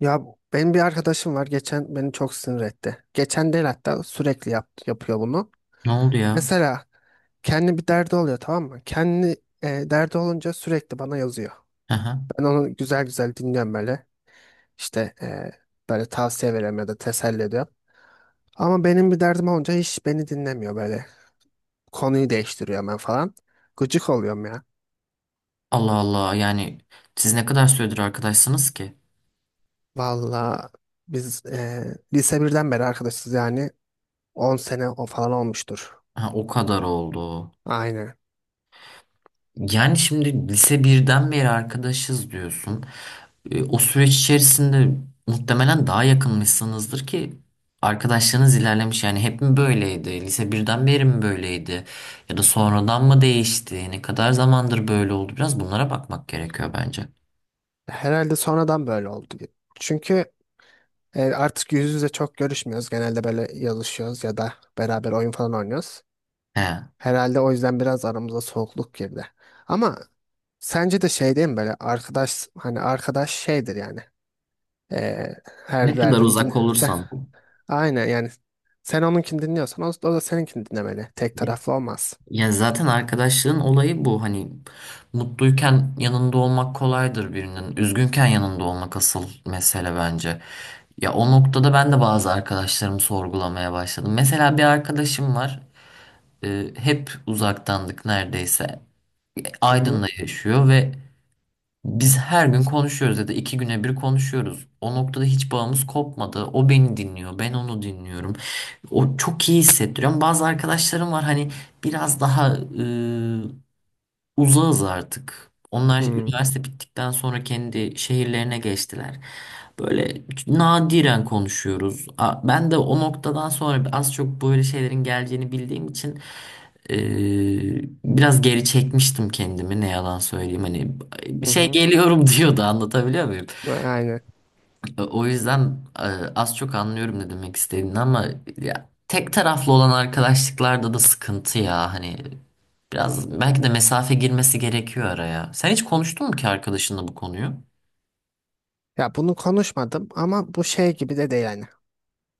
Ya benim bir arkadaşım var, geçen beni çok sinir etti. Geçen değil hatta sürekli yapıyor bunu. Ne oldu ya? Mesela kendi bir derdi oluyor, tamam mı? Kendi derdi olunca sürekli bana yazıyor. Aha. Ben onu güzel güzel dinliyorum böyle. İşte böyle tavsiye veriyorum ya da teselli ediyorum. Ama benim bir derdim olunca hiç beni dinlemiyor böyle. Konuyu değiştiriyor ben falan. Gıcık oluyorum ya. Allah Allah yani siz ne kadar süredir arkadaşsınız ki? Valla biz lise birden beri arkadaşız yani, 10 sene o falan olmuştur. Ha, o kadar oldu. Aynen. Yani şimdi lise birden beri arkadaşız diyorsun. O süreç içerisinde muhtemelen daha yakınmışsınızdır ki arkadaşlığınız ilerlemiş. Yani hep mi böyleydi? Lise birden beri mi böyleydi? Ya da sonradan mı değişti? Ne kadar zamandır böyle oldu? Biraz bunlara bakmak gerekiyor bence. Herhalde sonradan böyle oldu gibi. Çünkü artık yüz yüze çok görüşmüyoruz. Genelde böyle yazışıyoruz ya da beraber oyun falan oynuyoruz. He. Herhalde o yüzden biraz aramıza soğukluk girdi. Ama sence de şey değil mi, böyle arkadaş, hani arkadaş şeydir yani. E, Ne her kadar derdin din. uzak olursan. Aynen yani, sen onunkini dinliyorsan o da seninkini dinlemeli. Tek taraflı olmaz. Ya zaten arkadaşlığın olayı bu. Hani mutluyken yanında olmak kolaydır birinin. Üzgünken yanında olmak asıl mesele bence. Ya o noktada ben de bazı arkadaşlarımı sorgulamaya başladım. Mesela bir arkadaşım var. Hep uzaktandık neredeyse. Hı hı. Aydın'da yaşıyor ve biz her gün konuşuyoruz ya da iki güne bir konuşuyoruz. O noktada hiç bağımız kopmadı. O beni dinliyor, ben onu dinliyorum. O çok iyi hissettiriyor. Ama bazı arkadaşlarım var hani biraz daha uzağız artık. Onlar Hı hı. üniversite bittikten sonra kendi şehirlerine geçtiler. Böyle nadiren konuşuyoruz. Ben de o noktadan sonra az çok böyle şeylerin geleceğini bildiğim için biraz geri çekmiştim kendimi ne yalan söyleyeyim. Hani bir şey Hı. geliyorum diyordu anlatabiliyor muyum? Aynen. O yüzden az çok anlıyorum ne demek istediğini ama ya tek taraflı olan arkadaşlıklarda da sıkıntı ya hani biraz belki de mesafe girmesi gerekiyor araya. Sen hiç konuştun mu ki arkadaşınla bu konuyu? Ya bunu konuşmadım ama bu şey gibi de değil yani.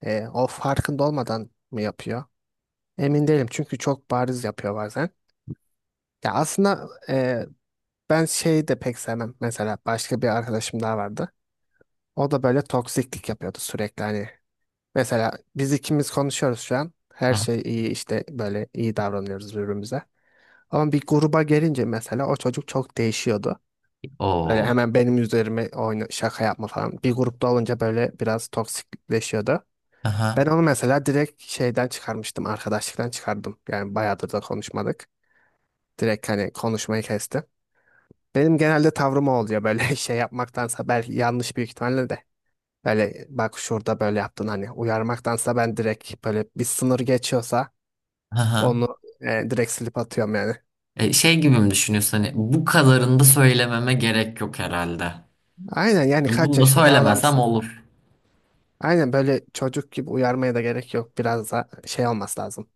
O farkında olmadan mı yapıyor? Emin değilim çünkü çok bariz yapıyor bazen. Ya aslında ben şeyi de pek sevmem. Mesela başka bir arkadaşım daha vardı. O da böyle toksiklik yapıyordu sürekli hani. Mesela biz ikimiz konuşuyoruz şu an. Her Aha. şey iyi, işte böyle iyi davranıyoruz birbirimize. Ama bir gruba gelince mesela o çocuk çok değişiyordu. Böyle Oo. hemen benim üzerime oyna, şaka yapma falan. Bir grupta olunca böyle biraz toksikleşiyordu. Ben Aha. onu mesela direkt şeyden çıkarmıştım, arkadaşlıktan çıkardım. Yani bayağıdır da konuşmadık. Direkt hani konuşmayı kestim. Benim genelde tavrım o oluyor, böyle şey yapmaktansa, belki yanlış büyük ihtimalle de. Böyle bak şurada böyle yaptın hani uyarmaktansa, ben direkt böyle bir sınır geçiyorsa Aha. onu direkt silip atıyorum yani. Şey gibi mi düşünüyorsun hani bu kadarını da söylememe gerek yok herhalde. Aynen yani, kaç Bunu da yaşında söylemesem adamsın. olur. Aynen, böyle çocuk gibi uyarmaya da gerek yok. Biraz da şey olması lazım.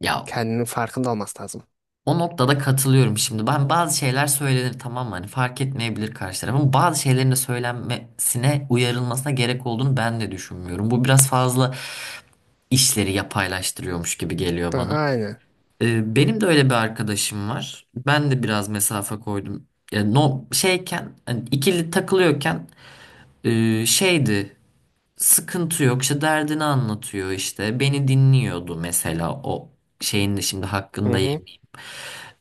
Ya Kendinin farkında olması lazım. o noktada katılıyorum şimdi. Ben bazı şeyler söylenir tamam mı? Hani fark etmeyebilir karşı tarafın. Bazı şeylerin de söylenmesine, uyarılmasına gerek olduğunu ben de düşünmüyorum. Bu biraz fazla işleri yapaylaştırıyormuş gibi geliyor Ha, bana. aynen. Benim de öyle bir arkadaşım var. Ben de biraz mesafe koydum. Yani no, şeyken, hani ikili takılıyorken şeydi. Sıkıntı yok. İşte derdini anlatıyor işte. Beni dinliyordu mesela o şeyin de şimdi Hı hakkında hı.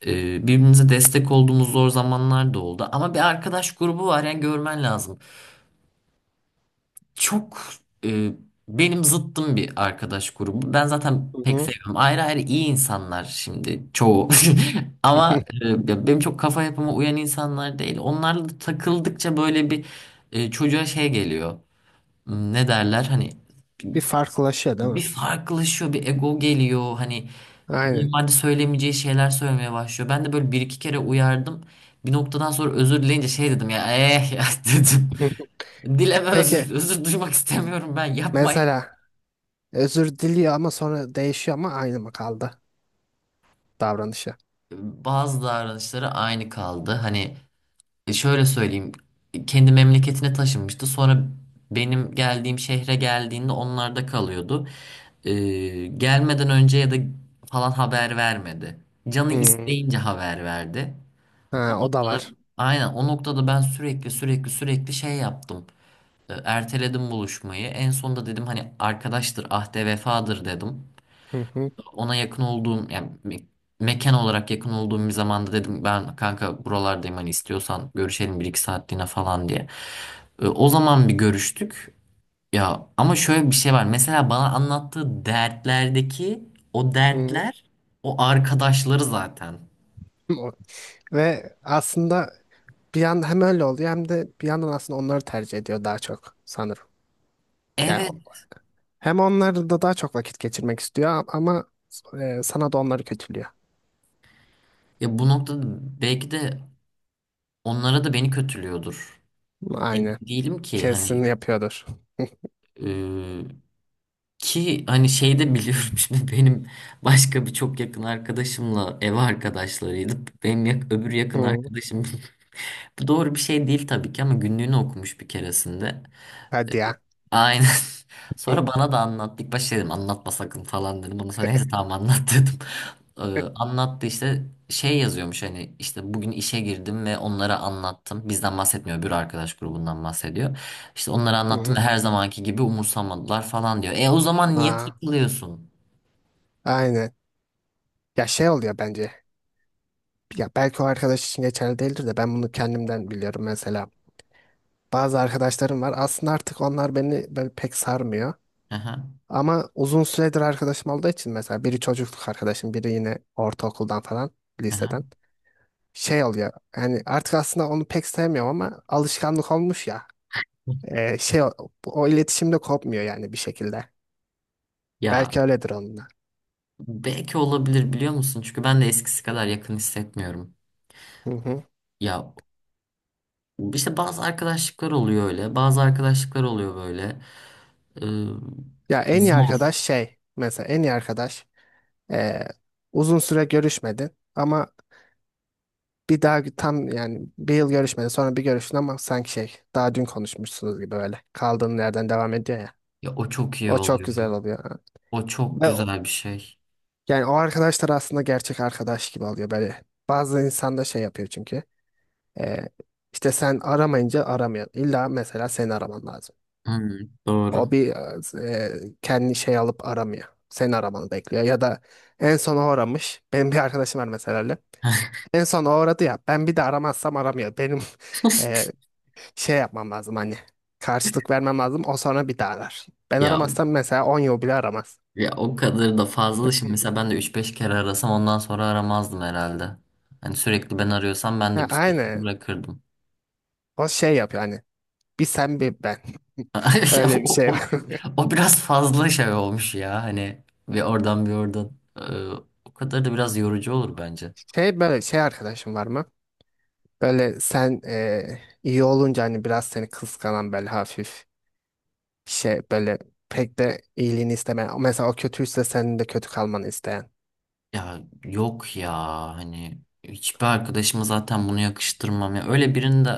birbirimize destek olduğumuz zor zamanlar da oldu. Ama bir arkadaş grubu var yani görmen lazım. Çok, e, benim zıttım bir arkadaş grubu. Ben zaten Hı pek hı. sevmiyorum. Ayrı ayrı iyi insanlar şimdi çoğu. Ama benim çok kafa yapıma uyan insanlar değil. Onlarla da takıldıkça böyle bir çocuğa şey geliyor. Hmm. Ne derler hani Bir farklılaşıyor değil bir mi? farklılaşıyor, bir ego geliyor. Hani Aynen. normalde söylemeyeceği şeyler söylemeye başlıyor. Ben de böyle bir iki kere uyardım. Bir noktadan sonra özür dileyince şey dedim ya eh ya dedim. Hı hı. Dileme Peki özür, özür duymak istemiyorum ben yapmayın. mesela özür diliyor ama sonra değişiyor, ama aynı mı kaldı davranışı? Bazı davranışları aynı kaldı. Hani şöyle söyleyeyim. Kendi memleketine taşınmıştı. Sonra benim geldiğim şehre geldiğinde onlarda kalıyordu. Gelmeden önce ya da falan haber vermedi. Canı Hmm. isteyince haber verdi. Ha, O o da noktada var. aynen o noktada ben sürekli sürekli sürekli şey yaptım. Erteledim buluşmayı. En sonunda dedim hani arkadaştır ahde vefadır dedim. Hı hı. Ona yakın olduğum yani mekan olarak yakın olduğum bir zamanda dedim ben kanka buralardayım hani istiyorsan görüşelim bir iki saatliğine falan diye. O zaman bir görüştük. Ya ama şöyle bir şey var. Mesela bana anlattığı dertlerdeki o Hı. dertler o arkadaşları zaten. O- Ve aslında bir yandan hem öyle oluyor hem de bir yandan aslında onları tercih ediyor daha çok sanırım. Yani, Evet. hem onlarla da daha çok vakit geçirmek istiyor ama sana da onları kötülüyor. Ya bu noktada belki de onlara da beni kötülüyordur. Emin Aynen. değilim ki Kesin hani yapıyordur. e, şey de biliyorum şimdi benim başka bir çok yakın arkadaşımla ev arkadaşlarıydı. Benim öbür yakın Hı. arkadaşım bu doğru bir şey değil tabii ki ama günlüğünü okumuş bir keresinde. Hadi ya. Aynen. Hı. Sonra bana da anlattı. İlk başta dedim anlatma sakın falan dedim. Ondan sonra neyse tamam anlat dedim. Ee, Anlattı işte şey yazıyormuş hani işte bugün işe girdim ve onlara anlattım. Bizden bahsetmiyor bir arkadaş grubundan bahsediyor. İşte onlara anlattım ve Hı. her zamanki gibi umursamadılar falan diyor. E o zaman niye Aa, takılıyorsun? aynen. Ya şey oluyor bence. Ya belki o arkadaş için geçerli değildir de ben bunu kendimden biliyorum mesela. Bazı arkadaşlarım var. Aslında artık onlar beni böyle pek sarmıyor. Aha, Ama uzun süredir arkadaşım olduğu için mesela biri çocukluk arkadaşım, biri yine ortaokuldan falan, liseden. aha. Şey oluyor. Yani artık aslında onu pek sevmiyorum ama alışkanlık olmuş ya. Şey o iletişim kopmuyor yani bir şekilde. Ya Belki öyledir onunla. belki olabilir biliyor musun? Çünkü ben de eskisi kadar yakın hissetmiyorum. Hı hı. Ya işte bazı arkadaşlıklar oluyor öyle, bazı arkadaşlıklar oluyor böyle. Ee, Ya en iyi Zor. arkadaş şey, mesela en iyi arkadaş ee, uzun süre görüşmedin ama bir daha tam yani bir yıl görüşmedin, sonra bir görüştün ama sanki şey daha dün konuşmuşsunuz gibi, öyle kaldığın yerden devam ediyor ya. Ya o çok iyi O çok oluyor. güzel oluyor. O çok Ve o- güzel bir şey. yani o arkadaşlar aslında gerçek arkadaş gibi oluyor böyle. Bazı insan da şey yapıyor çünkü. ee, işte sen aramayınca aramıyor. İlla mesela seni araman lazım. Hmm, O doğru. bir e, kendi şey alıp aramıyor. Seni aramanı bekliyor. Ya da en son o aramış. Benim bir arkadaşım var mesela öyle. En son o aradı ya. Ben bir de aramazsam aramıyor. Benim e, şey yapmam lazım hani. Karşılık vermem lazım. O sonra bir daha arar. Ben Ya aramazsam mesela 10 yıl bile aramaz. ya o kadar da fazla. Şimdi mesela ben de üç beş kere arasam ondan sonra aramazdım herhalde. Hani sürekli ben arıyorsam ben Ha, de bir süre sonra aynı. bırakırdım. O şey yapıyor hani. Bir sen bir ben. Ya Öyle bir O, şey o, var. o biraz fazla şey olmuş ya. Hani bir oradan bir oradan. Ee, O kadar da biraz yorucu olur bence. Şey, böyle şey arkadaşım var mı? Böyle sen iyi olunca hani biraz seni kıskanan, böyle hafif, şey, böyle pek de iyiliğini istemeyen. Mesela o kötüyse senin de kötü kalmanı isteyen. Ya yok ya hani hiçbir arkadaşıma zaten bunu yakıştırmam ya. Öyle birinin de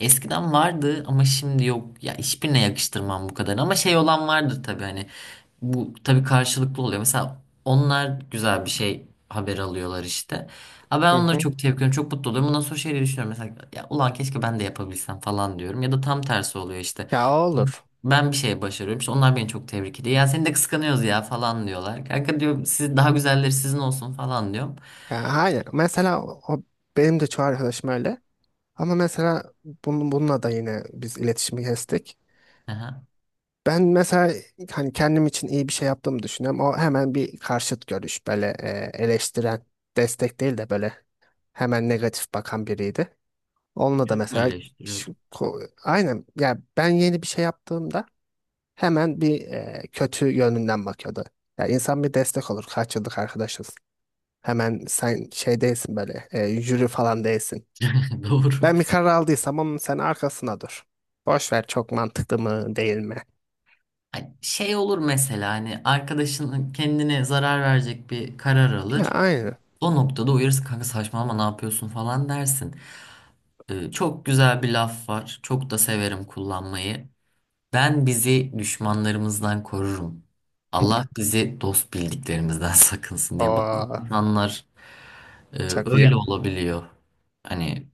eskiden vardı ama şimdi yok. Ya hiçbirine yakıştırmam bu kadar. Ama şey olan vardır tabii hani bu tabii karşılıklı oluyor. Mesela onlar güzel bir şey haber alıyorlar işte. Ama ben Hı onları hı. çok tebrik ediyorum. Çok mutlu oluyorum. Ondan sonra şeyleri düşünüyorum. Mesela ya ulan keşke ben de yapabilsem falan diyorum. Ya da tam tersi oluyor işte. Ya o olur. Ben bir şey başarıyorum. İşte onlar beni çok tebrik ediyor. Ya seni de kıskanıyoruz ya falan diyorlar. Kanka diyorum siz daha güzelleri sizin olsun falan diyorum. Ya hayır. Mesela benim de çoğu arkadaşım öyle. Ama mesela bununla da yine biz iletişimi kestik. Aha. Ben mesela hani kendim için iyi bir şey yaptığımı düşünüyorum. O hemen bir karşıt görüş, böyle eleştiren, destek değil de böyle hemen negatif bakan biriydi. Onunla da Çok mu mesela eleştiriyordum? Aynen ya, ben yeni bir şey yaptığımda hemen bir kötü yönünden bakıyordu. Ya insan bir destek olur. Kaç yıllık arkadaşız. Hemen, sen şey değilsin, böyle jüri falan değilsin. Doğru. Ben bir karar aldıysam onun sen arkasına dur. Boş ver çok mantıklı mı değil mi? Hani şey olur mesela hani arkadaşın kendine zarar verecek bir karar Ha, alır. aynı. O noktada uyarırsın kanka saçmalama ne yapıyorsun falan dersin. Çok güzel bir laf var. Çok da severim kullanmayı. Ben bizi düşmanlarımızdan korurum. Allah bizi dost bildiklerimizden sakınsın diye. Bak, Oo, insanlar çok iyi. öyle olabiliyor. Hani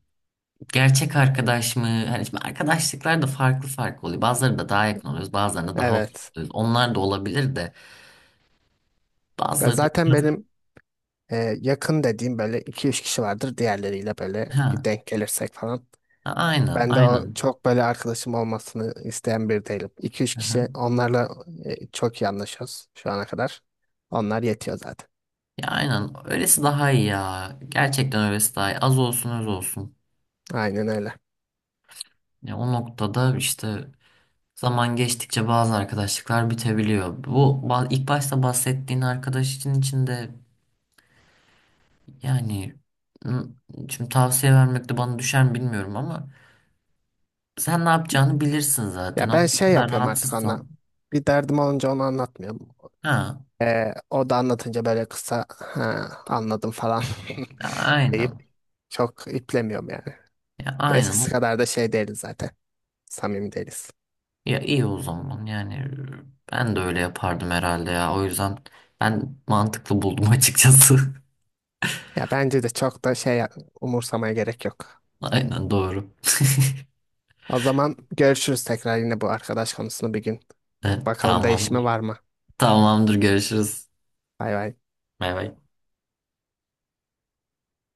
gerçek arkadaş mı? Hani şimdi arkadaşlıklar da farklı farklı oluyor. Bazıları da daha yakın oluyoruz, bazıları da daha uzak Evet. oluyoruz. Onlar da olabilir de Ya bazıları da zaten biraz benim e, yakın dediğim böyle 2 üç kişi vardır. Diğerleriyle böyle bir ha denk gelirsek falan. Aynen Ben de o aynen. çok böyle arkadaşım olmasını isteyen biri değilim. iki üç Hı hı. kişi, onlarla çok iyi anlaşıyoruz şu ana kadar. Onlar yetiyor zaten. Ya aynen öylesi daha iyi ya. Gerçekten öylesi daha iyi. Az olsun öz olsun. Aynen öyle. Ya o noktada işte zaman geçtikçe bazı arkadaşlıklar bitebiliyor. Bu ilk başta bahsettiğin arkadaş için içinde. Yani m- şimdi tavsiye vermek de bana düşer mi bilmiyorum ama sen ne yapacağını bilirsin zaten. Ya Ama ben bu şey kadar yapıyorum artık onunla. rahatsızsan. Bir derdim olunca onu anlatmıyorum. Ha, O da anlatınca böyle kısa ha, anladım falan ya aynen. deyip çok iplemiyorum yani. Ya aynen. Eskisi kadar da şey değiliz zaten. Samimi değiliz. Ya iyi o zaman. Yani ben de öyle yapardım herhalde ya. O yüzden ben mantıklı buldum açıkçası. Ya bence de çok da şey, umursamaya gerek yok. Aynen doğru. O zaman görüşürüz tekrar, yine bu arkadaş konusunu bir gün. Bakalım değişme Tamamdır. var mı? Tamamdır görüşürüz. Bay bay. Bay bay.